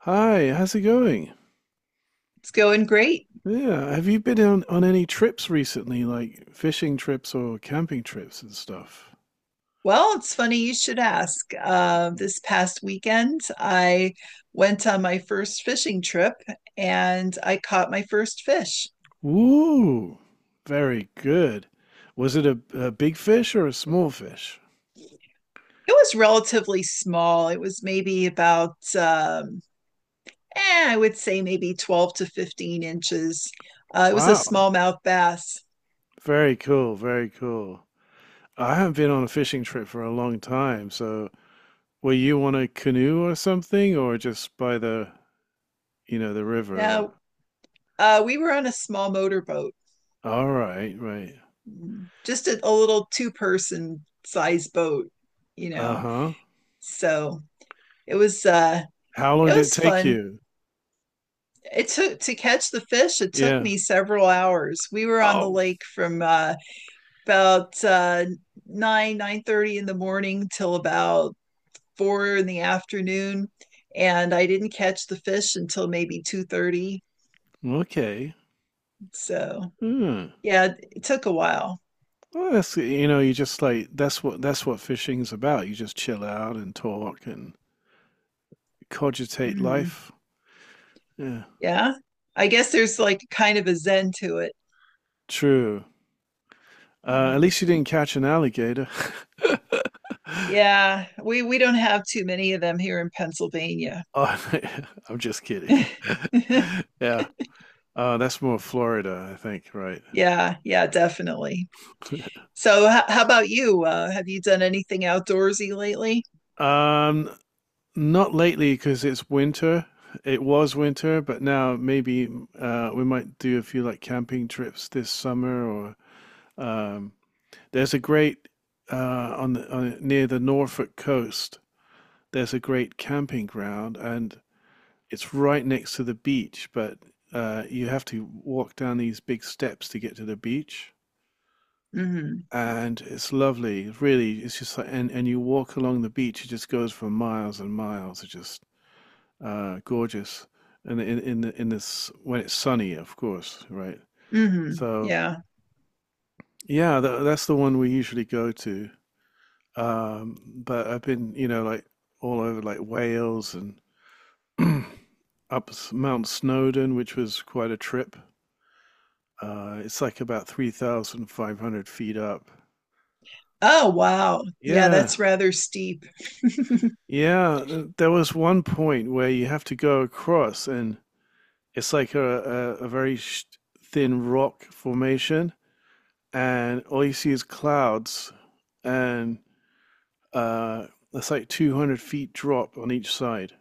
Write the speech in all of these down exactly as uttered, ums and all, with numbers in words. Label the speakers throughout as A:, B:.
A: Hi, how's it going?
B: It's going great.
A: Yeah, have you been on, on any trips recently, like fishing trips or camping trips and stuff?
B: Well, it's funny you should ask. Uh, this past weekend, I went on my first fishing trip and I caught my first fish.
A: Ooh, very good. Was it a, a big fish or a small fish?
B: It was relatively small. It was maybe about, um, eh, I would say maybe twelve to fifteen inches. Uh, it was a
A: Wow,
B: smallmouth bass.
A: very cool, very cool. I haven't been on a fishing trip for a long time, so were you on a canoe or something, or just by the, you know, the river? Or...
B: Now, uh, we were on a small motorboat,
A: All right, right.
B: just a, a little two person size boat, you know.
A: Uh-huh.
B: So it was uh,
A: How
B: it
A: long did it
B: was
A: take
B: fun.
A: you?
B: It took to catch the fish, it took
A: Yeah.
B: me several hours. We were on the
A: Oh,
B: lake from uh, about uh, nine, nine thirty in the morning till about four in the afternoon, and I didn't catch the fish until maybe two thirty.
A: okay.
B: So
A: Hmm.
B: yeah, it took a while.
A: Well, that's you know, you just like that's what that's what fishing's about. You just chill out and talk and cogitate
B: hmm
A: life. Yeah.
B: Yeah, I guess there's like kind of a zen to it.
A: True. Uh, at
B: Mhm.
A: least you didn't catch an alligator.
B: Yeah, we we don't have too many of them here in Pennsylvania.
A: Oh, I'm just kidding. Yeah. Uh, that's more Florida, I think, right?
B: Yeah, yeah, definitely.
A: Yeah.
B: So, how, how about you? Uh, have you done anything outdoorsy lately?
A: Um, Not lately because it's winter. It was winter, but now maybe uh, we might do a few like camping trips this summer or Um, there's a great uh, on, the, on near the Norfolk coast. There's a great camping ground, and it's right next to the beach. But uh, you have to walk down these big steps to get to the beach,
B: hmm
A: and it's lovely. Really, it's just like, and and you walk along the beach. It just goes for miles and miles. It's just uh, gorgeous. And in in in this when it's sunny, of course, right?
B: hmm
A: So
B: Yeah.
A: yeah, tha that's the one we usually go to. Um, but I've been, you know, like all over like Wales and up Mount Snowdon, which was quite a trip. Uh, it's like about three thousand five hundred feet up.
B: Oh, wow. Yeah,
A: Yeah.
B: that's rather steep.
A: Yeah. uh, There was one point where you have to go across, and it's like a, a, a very sh thin rock formation, and all you see is clouds, and uh, it's like two hundred feet drop on each side.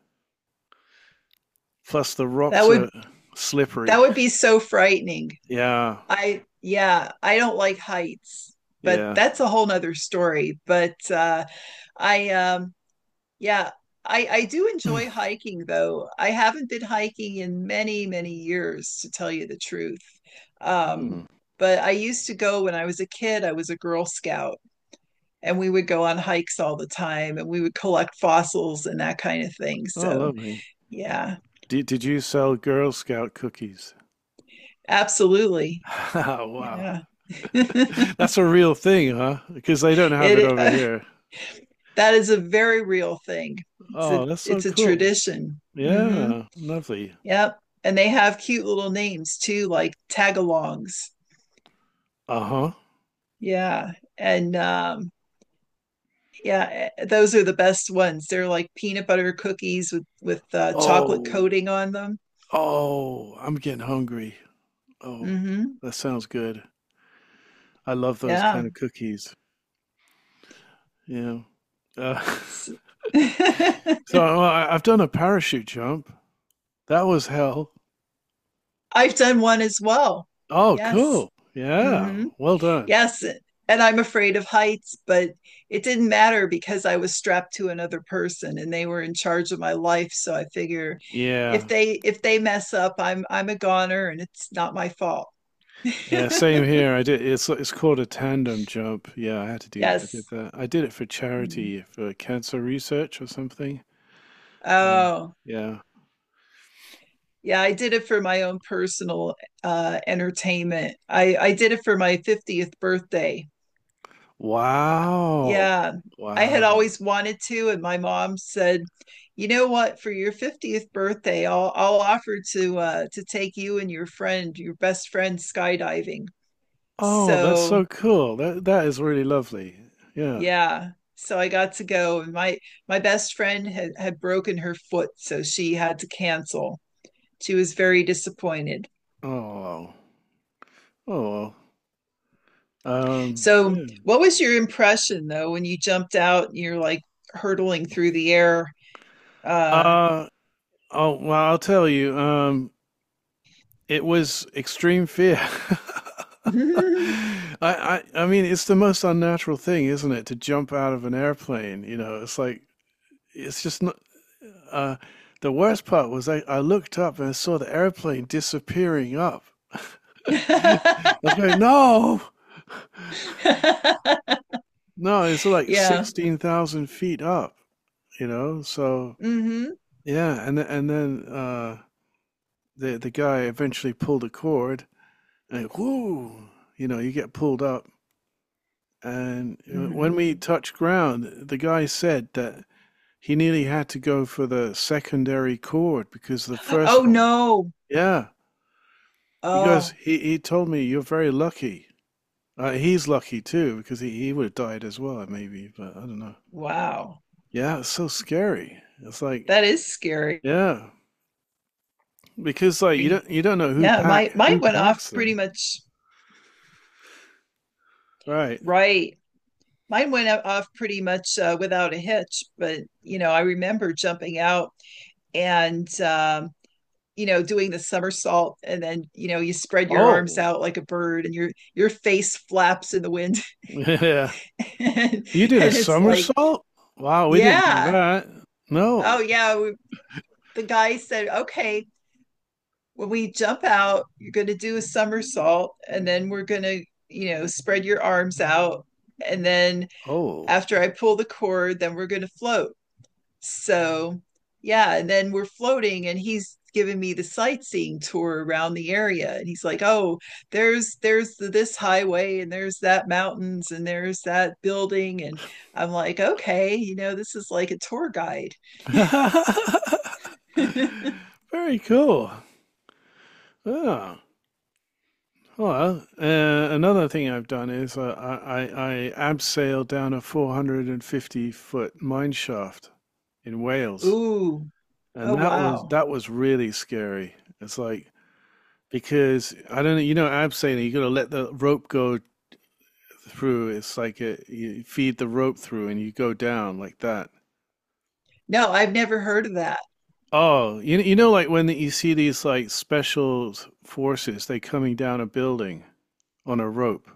A: Plus, the
B: That
A: rocks
B: would
A: are slippery.
B: that would be so frightening.
A: Yeah,
B: I Yeah, I don't like heights, but
A: yeah.
B: that's a whole nother story. But uh, I um Yeah, I I do enjoy hiking though. I haven't been hiking in many, many years to tell you the truth. Um,
A: Mm.
B: but I used to go when I was a kid, I was a Girl Scout and we would go on hikes all the time and we would collect fossils and that kind of thing.
A: Oh,
B: So,
A: lovely.
B: yeah,
A: Did, did you sell Girl Scout cookies?
B: absolutely.
A: Wow.
B: Yeah.
A: That's a real thing, huh? Because they don't have it
B: It
A: over
B: uh,
A: here.
B: That is a very real thing. It's a
A: Oh, that's so
B: it's a
A: cool.
B: tradition. hmm
A: Yeah, lovely.
B: Yep. And they have cute little names too, like tagalongs.
A: Uh-huh.
B: Yeah. And um Yeah, eh, those are the best ones. They're like peanut butter cookies with with uh, chocolate
A: Oh,
B: coating on them.
A: oh, I'm getting hungry. Oh,
B: hmm
A: that sounds good. I love those kind
B: Yeah.
A: of cookies. Yeah. Uh,
B: S-
A: so uh, I- I've done a parachute jump. That was hell.
B: I've done one as well.
A: Oh,
B: Yes.
A: cool.
B: hmm
A: Yeah. Well done.
B: Yes. eh, And I'm afraid of heights, but it didn't matter because I was strapped to another person and they were in charge of my life. So I figure if
A: Yeah.
B: they if they mess up, I'm I'm a goner and it's not my fault.
A: Yeah, same here. I did it's it's called a tandem jump. Yeah, I had to do I did
B: Yes.
A: that. I did it for
B: Mm-hmm.
A: charity for cancer research or something. Um,
B: Oh,
A: yeah.
B: yeah, I did it for my own personal uh entertainment. I I did it for my fiftieth birthday.
A: Wow.
B: Yeah. I
A: Wow.
B: had always wanted to, and my mom said, "You know what? For your fiftieth birthday, I'll I'll offer to uh to take you and your friend, your best friend skydiving."
A: Oh, that's so
B: So,
A: cool. That that is really lovely. Yeah.
B: yeah. So I got to go, and my my best friend had had broken her foot, so she had to cancel. She was very disappointed.
A: Oh. Wow. Oh. Well. Um,
B: So,
A: yeah.
B: what was your impression though when you jumped out and you're like hurtling through the air? Uh,
A: Uh, oh, well, I'll tell you. Um, It was extreme fear. I, I I mean it's the most unnatural thing, isn't it, to jump out of an airplane, you know. It's like it's just not. uh the worst part was I, I looked up and I saw the airplane disappearing up. I
B: yeah.
A: was going, no, no, it's like sixteen thousand feet up, you know? So,
B: hmm
A: yeah, and th- and then uh the the guy eventually pulled a cord and whoo, you know, you get pulled up. And uh,
B: hmm
A: when we touched ground, the guy said that he nearly had to go for the secondary chord because the first
B: Oh
A: one.
B: no.
A: Yeah. He goes,
B: Oh,
A: he, he told me you're very lucky. Uh, he's lucky too because he, he would have died as well, maybe, but I don't know.
B: wow.
A: Yeah, it's so scary. It's like,
B: That is scary.
A: yeah, because like you don't you don't know who
B: Yeah,
A: pack
B: my
A: who
B: mine went off
A: packs
B: pretty
A: them,
B: much
A: right?
B: right. Mine went o- off pretty much uh, without a hitch, but you know, I remember jumping out and um you know doing the somersault and then you know you spread your arms
A: Oh,
B: out like a bird and your your face flaps in the wind
A: yeah.
B: and,
A: You did a
B: and it's like
A: somersault? Wow, we didn't do
B: yeah
A: that. No.
B: oh yeah we, the guy said okay when we jump out you're going to do a somersault and then we're going to you know spread your arms out and then
A: Oh.
B: after I pull the cord then we're going to float. So, yeah, and then we're floating and he's giving me the sightseeing tour around the area and he's like, "Oh, there's there's the, this highway and there's that mountains and there's that building." And I'm like, "Okay, you know, this is like a tour guide."
A: Very cool. Oh, well, uh, another thing I've done is uh, I, I, I abseiled down a four hundred fifty foot mine shaft in Wales,
B: Ooh.
A: and
B: Oh,
A: that was
B: wow.
A: that was really scary. It's like because I don't know, you know, abseiling, you got to let the rope go through. It's like a, you feed the rope through, and you go down like that.
B: No, I've never heard of that.
A: Oh, you you know, like when you see these like special forces, they coming down a building on a rope.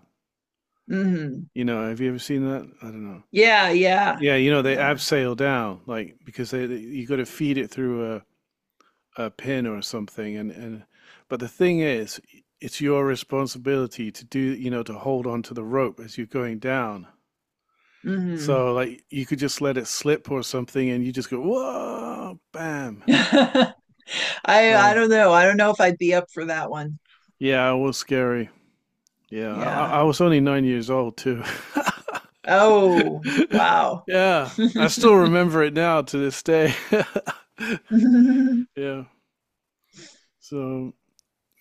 B: Mhm.
A: You know, have you ever seen that? I don't know.
B: Yeah, yeah.
A: Yeah, you know, they
B: Yeah.
A: abseil down, like because they, they you got to feed it through a, a pin or something, and and but the thing is, it's your responsibility to do, you know, to hold on to the rope as you're going down.
B: Mhm.
A: So like you could just let it slip or something, and you just go whoa, bam.
B: I I
A: So
B: don't know. I don't know if I'd be up for that one.
A: yeah, it was scary. Yeah, I, I
B: Yeah.
A: I was only nine years old too.
B: Oh, wow.
A: Yeah, I still remember it now to this day.
B: hmm
A: Yeah, so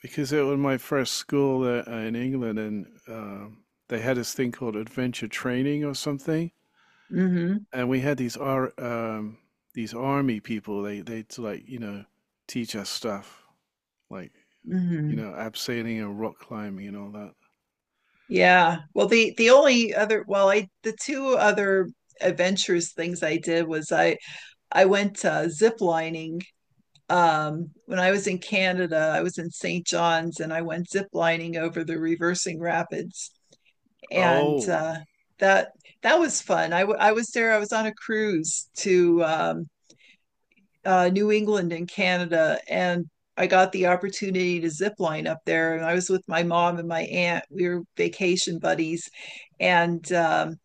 A: because it was my first school that, uh, in England, and um, they had this thing called adventure training or something,
B: hmm
A: and we had these ar um, these army people. They they'd like you know teach us stuff like you know abseiling and rock climbing and all that.
B: Yeah. Well, the the only other well, I the two other adventurous things I did was I I went uh, zip lining um when I was in Canada. I was in saint John's and I went zip lining over the reversing rapids and
A: Oh,
B: uh that that was fun. I w- I was there. I was on a cruise to um uh, New England and Canada, and I got the opportunity to zip line up there. And I was with my mom and my aunt. We were vacation buddies, and um,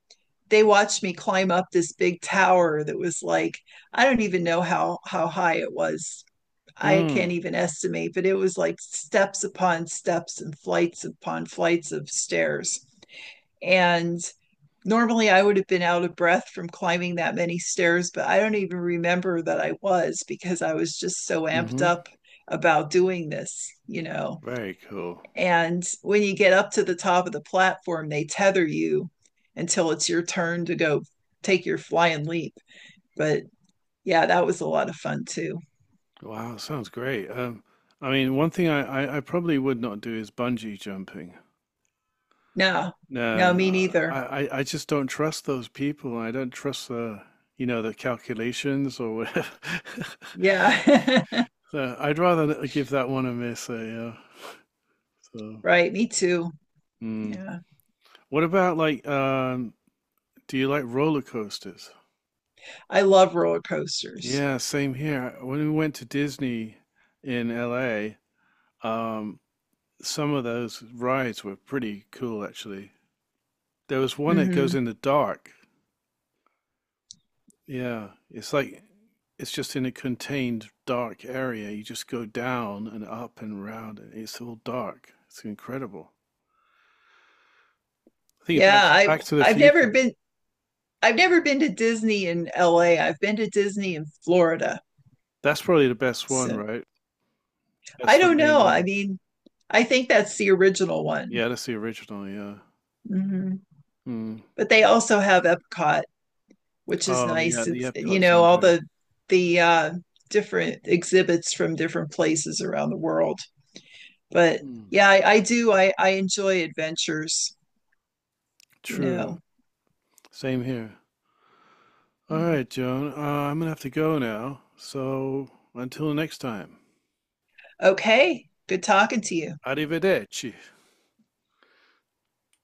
B: they watched me climb up this big tower that was like I don't even know how how high it was. I
A: mm,
B: can't even estimate, but it was like steps upon steps and flights upon flights of stairs. And normally I would have been out of breath from climbing that many stairs, but I don't even remember that I was because I was just so amped
A: mm-hmm.
B: up about doing this, you know.
A: Very cool.
B: And when you get up to the top of the platform, they tether you until it's your turn to go take your flying leap. But yeah, that was a lot of fun too.
A: Wow, sounds great. Um, I mean, one thing I, I, I probably would not do is bungee jumping.
B: No, no, me
A: No, I,
B: neither.
A: I I just don't trust those people. I don't trust the, you know, the calculations or whatever.
B: Yeah.
A: So I'd rather n- give that one a miss. Uh, yeah. So,
B: Right, me too.
A: mm.
B: Yeah.
A: What about like, um, do you like roller coasters?
B: I love roller coasters.
A: Yeah, same here. When we went to Disney in L A, um, some of those rides were pretty cool, actually. There was one that goes
B: hmm
A: in the dark. Yeah, it's like it's just in a contained dark area. You just go down and up and round, and it's all dark. It's incredible. I think Back
B: Yeah,
A: to,
B: I
A: Back to the
B: I've never
A: Future.
B: been I've never been to Disney in L A. I've been to Disney in Florida.
A: That's probably the best one,
B: So
A: right?
B: I
A: That's the
B: don't
A: main
B: know. I
A: one.
B: mean, I think that's the original one.
A: Yeah, that's the original. Yeah.
B: hmm
A: Mm.
B: But they also have Epcot, which is
A: Oh, yeah,
B: nice.
A: the
B: It's, you
A: Epcot
B: know, all
A: Center.
B: the the uh, different exhibits from different places around the world. But
A: Mm.
B: yeah, I, I do. I, I enjoy adventures, you
A: True.
B: know.
A: Same here. All
B: Mhm.
A: right, Joan. Uh, I'm gonna have to go now. So until next time,
B: Okay, good talking to you.
A: arrivederci.